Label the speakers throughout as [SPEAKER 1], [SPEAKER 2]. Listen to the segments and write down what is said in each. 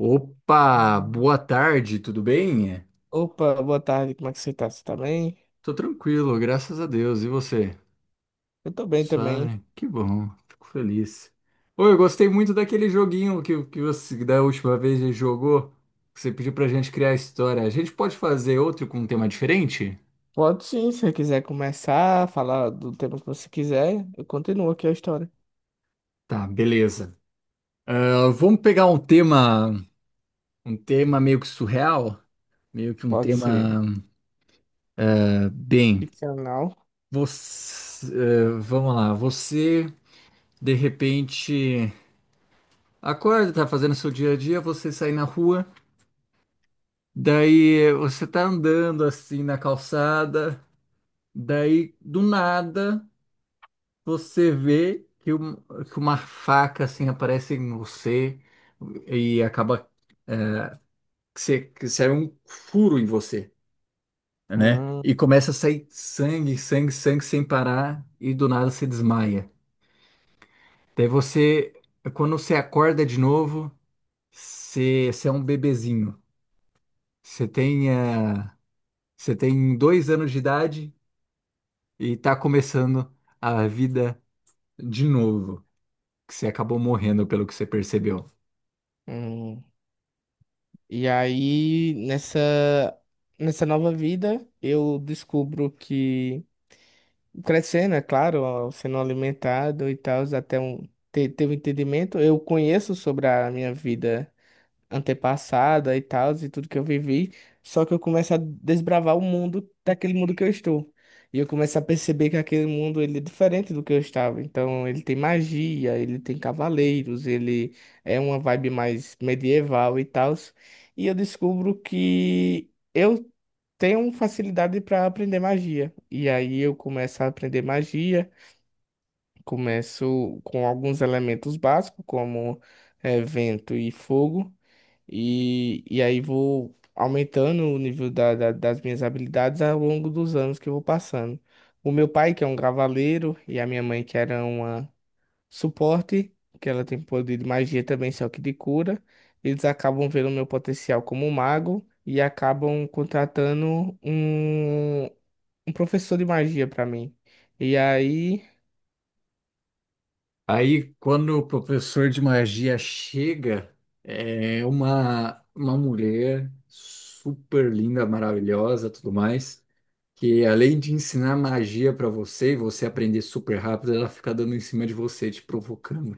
[SPEAKER 1] Opa, boa tarde, tudo bem?
[SPEAKER 2] Opa, boa tarde, como é que você tá? Você tá bem?
[SPEAKER 1] Tô tranquilo, graças a Deus. E você?
[SPEAKER 2] Eu tô bem também.
[SPEAKER 1] Suave? Que bom, fico feliz. Oi, eu gostei muito daquele joguinho que você da última vez já jogou. Que Você pediu pra gente criar a história. A gente pode fazer outro com um tema diferente?
[SPEAKER 2] Pode sim, se você quiser começar a falar do tema que você quiser, eu continuo aqui a história.
[SPEAKER 1] Tá, beleza. Ah, vamos pegar um tema meio que surreal, meio que um
[SPEAKER 2] Pode
[SPEAKER 1] tema
[SPEAKER 2] ser
[SPEAKER 1] bem.
[SPEAKER 2] ficcional.
[SPEAKER 1] Você, vamos lá, você de repente. Acorda, tá fazendo seu dia a dia, você sai na rua, daí você tá andando assim na calçada, daí do nada você vê que uma faca assim aparece em você e acaba é, que sai um furo em você, né? E
[SPEAKER 2] Hum,
[SPEAKER 1] começa a sair sangue, sangue, sangue sem parar e do nada você desmaia. Daí você, quando você acorda de novo, você é um bebezinho. Você tem, eh, Você tem 2 anos de idade e tá começando a vida de novo, que você acabou morrendo pelo que você percebeu.
[SPEAKER 2] hum. E aí, nessa nova vida, eu descubro que, crescendo, é claro, ó, sendo alimentado e tal, até um, ter um entendimento, eu conheço sobre a minha vida antepassada e tal, e tudo que eu vivi. Só que eu começo a desbravar o mundo daquele mundo que eu estou. E eu começo a perceber que aquele mundo ele é diferente do que eu estava. Então, ele tem magia, ele tem cavaleiros, ele é uma vibe mais medieval e tal. E eu descubro que eu tenho facilidade para aprender magia. E aí eu começo a aprender magia, começo com alguns elementos básicos, como vento e fogo. E aí vou aumentando o nível das minhas habilidades ao longo dos anos que eu vou passando. O meu pai, que é um cavaleiro, e a minha mãe, que era uma suporte, que ela tem poder de magia também, só que de cura, eles acabam vendo o meu potencial como um mago e acabam contratando um professor de magia para mim. E aí,
[SPEAKER 1] Aí, quando o professor de magia chega, é uma mulher super linda, maravilhosa, tudo mais, que além de ensinar magia pra você e você aprender super rápido, ela fica dando em cima de você, te provocando,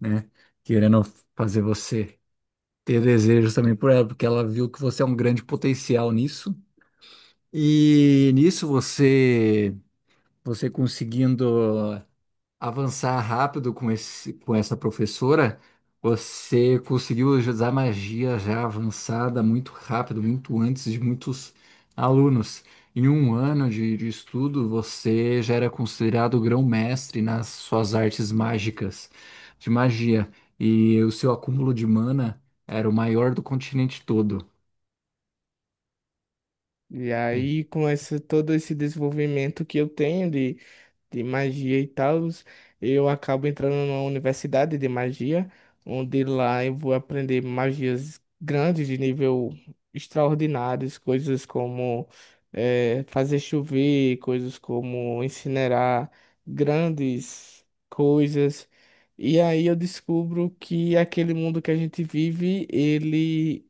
[SPEAKER 1] né? Querendo fazer você ter desejos também por ela, porque ela viu que você é um grande potencial nisso. E nisso você conseguindo avançar rápido com esse com essa professora, você conseguiu usar magia já avançada muito rápido, muito antes de muitos alunos. Em um ano de estudo, você já era considerado grão-mestre nas suas artes mágicas de magia, e o seu acúmulo de mana era o maior do continente todo.
[SPEAKER 2] e
[SPEAKER 1] E-
[SPEAKER 2] aí, com esse, todo esse desenvolvimento que eu tenho de magia e tal, eu acabo entrando numa universidade de magia, onde lá eu vou aprender magias grandes de nível extraordinários, coisas como fazer chover, coisas como incinerar grandes coisas. E aí eu descubro que aquele mundo que a gente vive, ele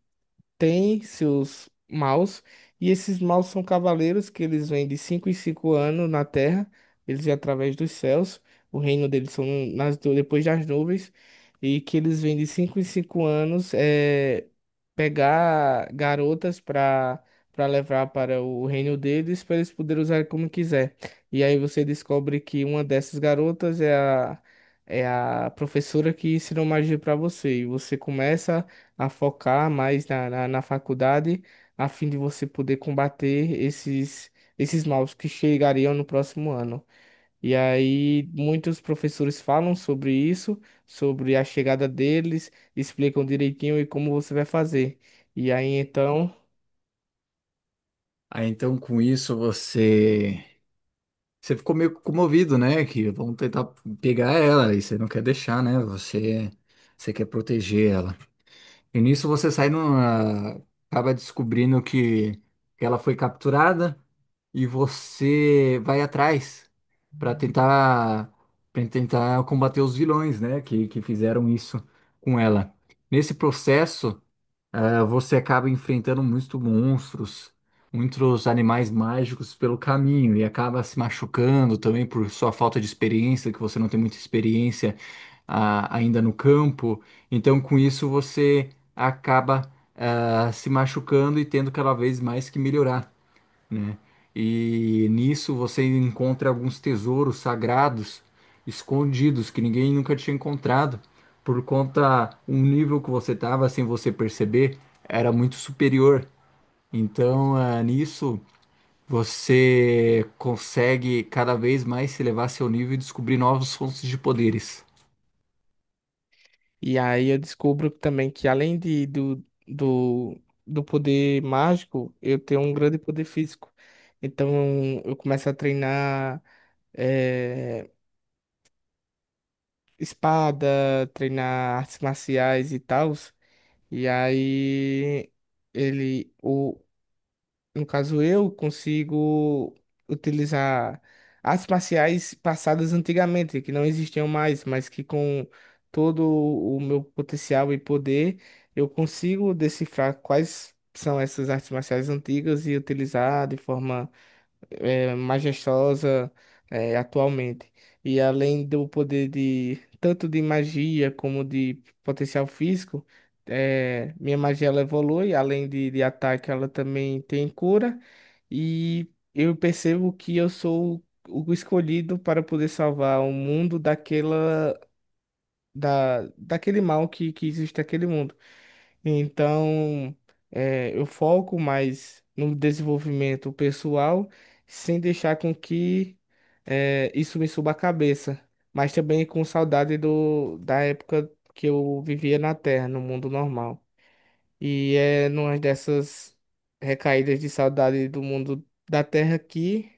[SPEAKER 2] tem seus maus, e esses maus são cavaleiros que eles vêm de 5 em 5 anos na Terra, eles vêm através dos céus, o reino deles são depois das nuvens, e que eles vêm de 5 em 5 anos pegar garotas para levar para o reino deles, para eles poderem usar como quiser. E aí você descobre que uma dessas garotas é a professora que ensinou magia para você, e você começa a focar mais na faculdade, a fim de você poder combater esses maus que chegariam no próximo ano. E aí, muitos professores falam sobre isso, sobre a chegada deles, explicam direitinho e como você vai fazer. E aí, então,
[SPEAKER 1] Aí, então, com isso, você ficou meio comovido, né? Que vão tentar pegar ela e você não quer deixar, né? Você, você quer proteger ela. E nisso você sai numa... acaba descobrindo que ela foi capturada e você vai atrás para tentar para tentar combater os vilões, né? Que fizeram isso com ela. Nesse processo você acaba enfrentando muitos monstros, muitos animais mágicos pelo caminho e acaba se machucando também por sua falta de experiência, que você não tem muita experiência, ainda no campo. Então, com isso, você acaba, se machucando e tendo cada vez mais que melhorar, né? E nisso você encontra alguns tesouros sagrados escondidos que ninguém nunca tinha encontrado por conta um nível que você estava sem você perceber era muito superior. Então, nisso você consegue cada vez mais elevar seu nível e descobrir novas fontes de poderes.
[SPEAKER 2] e aí eu descubro também que além de, do, do, do poder mágico, eu tenho um grande poder físico. Então, eu começo a treinar. eh, Espada, treinar artes marciais e tal. E aí ele, o, no caso eu, consigo utilizar artes marciais passadas antigamente, que não existiam mais, mas que com todo o meu potencial e poder, eu consigo decifrar quais são essas artes marciais antigas e utilizar de forma majestosa atualmente. E além do poder de tanto de magia como de potencial físico, minha magia ela evolui, além de ataque, ela também tem cura. E eu percebo que eu sou o escolhido para poder salvar o mundo daquele mal que existe naquele mundo. Então, eu foco mais no desenvolvimento pessoal, sem deixar com que isso me suba a cabeça, mas também com saudade da época que eu vivia na Terra, no mundo normal. E é numa dessas recaídas de saudade do mundo da Terra aqui,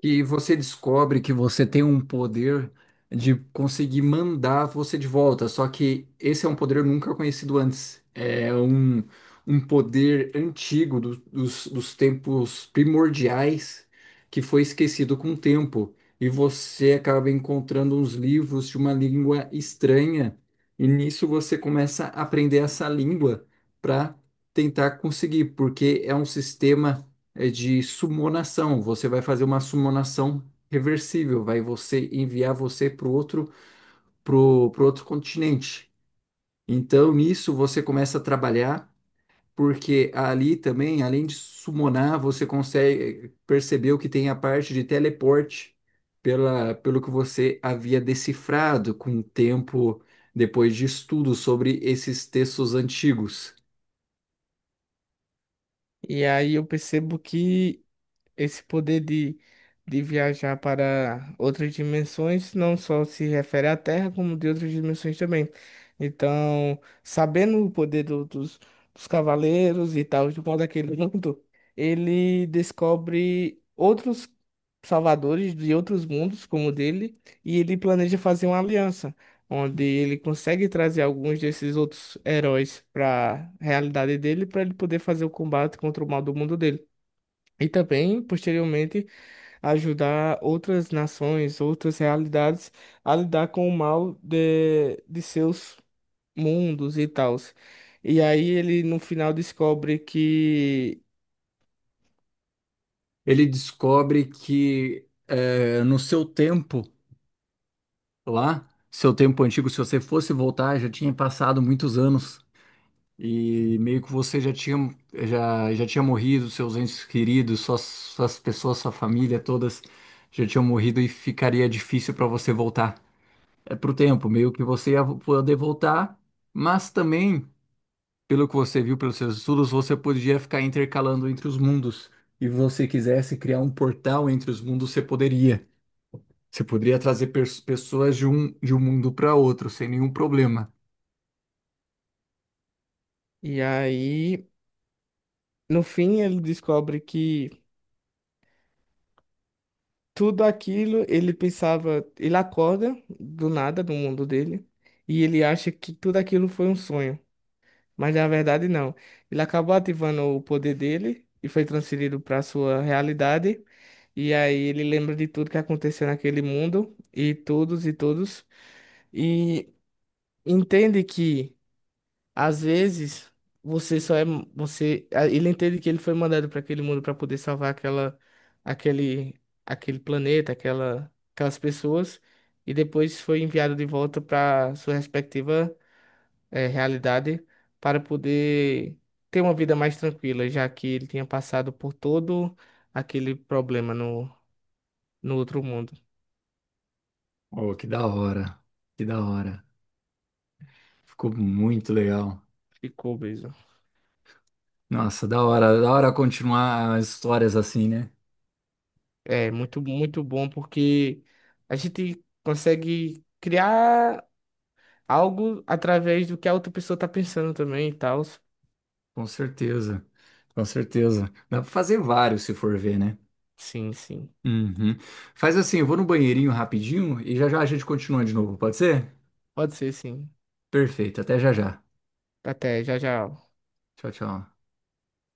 [SPEAKER 1] Que você descobre que você tem um poder de conseguir mandar você de volta, só que esse é um poder nunca conhecido antes. É um poder antigo dos tempos primordiais que foi esquecido com o tempo. E você acaba encontrando uns livros de uma língua estranha, e nisso você começa a aprender essa língua para tentar conseguir, porque é um sistema de sumonação. Você vai fazer uma sumonação reversível, vai você enviar você para o outro, pro, pro outro continente. Então, nisso você começa a trabalhar, porque ali também, além de sumonar, você consegue perceber o que tem a parte de teleporte pela, pelo que você havia decifrado com o tempo depois de estudo sobre esses textos antigos.
[SPEAKER 2] e aí eu percebo que esse poder de viajar para outras dimensões não só se refere à Terra, como de outras dimensões também. Então, sabendo o poder dos cavaleiros e tal, de modo aquele mundo, ele descobre outros salvadores de outros mundos, como o dele, e ele planeja fazer uma aliança, onde ele consegue trazer alguns desses outros heróis para a realidade dele, para ele poder fazer o combate contra o mal do mundo dele. E também, posteriormente, ajudar outras nações, outras realidades a lidar com o mal de seus mundos e tals. E aí ele no final descobre que.
[SPEAKER 1] Ele descobre que no seu Lá, tempo antigo, se você fosse voltar, já tinha passado muitos anos e meio que você já tinha morrido, seus entes queridos, suas pessoas, sua família, todas já tinham morrido e ficaria difícil para você voltar. É pro tempo, meio que você ia poder voltar, mas também, pelo que você viu pelos seus estudos, você podia ficar intercalando entre os mundos. E você quisesse criar um portal entre os mundos, você poderia. Você poderia trazer pessoas de um mundo para outro sem nenhum problema.
[SPEAKER 2] E aí, no fim, ele descobre que tudo aquilo ele pensava. Ele acorda do nada no mundo dele. E ele acha que tudo aquilo foi um sonho, mas na verdade não. Ele acabou ativando o poder dele e foi transferido para sua realidade. E aí ele lembra de tudo que aconteceu naquele mundo e todos e todos e entende que às vezes você só é você a- ele entende que ele foi mandado para aquele mundo para poder salvar aquela aquele aquele planeta, aquelas pessoas e depois foi enviado de volta para sua respectiva realidade para poder ter uma vida mais tranquila, já que ele tinha passado por todo aquele problema no outro mundo.
[SPEAKER 1] Oh, que da hora. Que da hora. Ficou muito legal.
[SPEAKER 2] Ficou obeso.
[SPEAKER 1] Nossa, da hora. Da hora continuar as histórias assim, né?
[SPEAKER 2] É muito, muito bom porque a gente consegue criar algo através do que a outra pessoa tá pensando também e tal.
[SPEAKER 1] Com certeza. Com certeza. Dá pra fazer vários se for ver, né?
[SPEAKER 2] Sim, sim.
[SPEAKER 1] Uhum. Faz assim, eu vou no banheirinho rapidinho e já já a gente continua de novo, pode ser?
[SPEAKER 2] Pode ser, sim.
[SPEAKER 1] Perfeito. Até já já.
[SPEAKER 2] Até, já, já.
[SPEAKER 1] Tchau, tchau.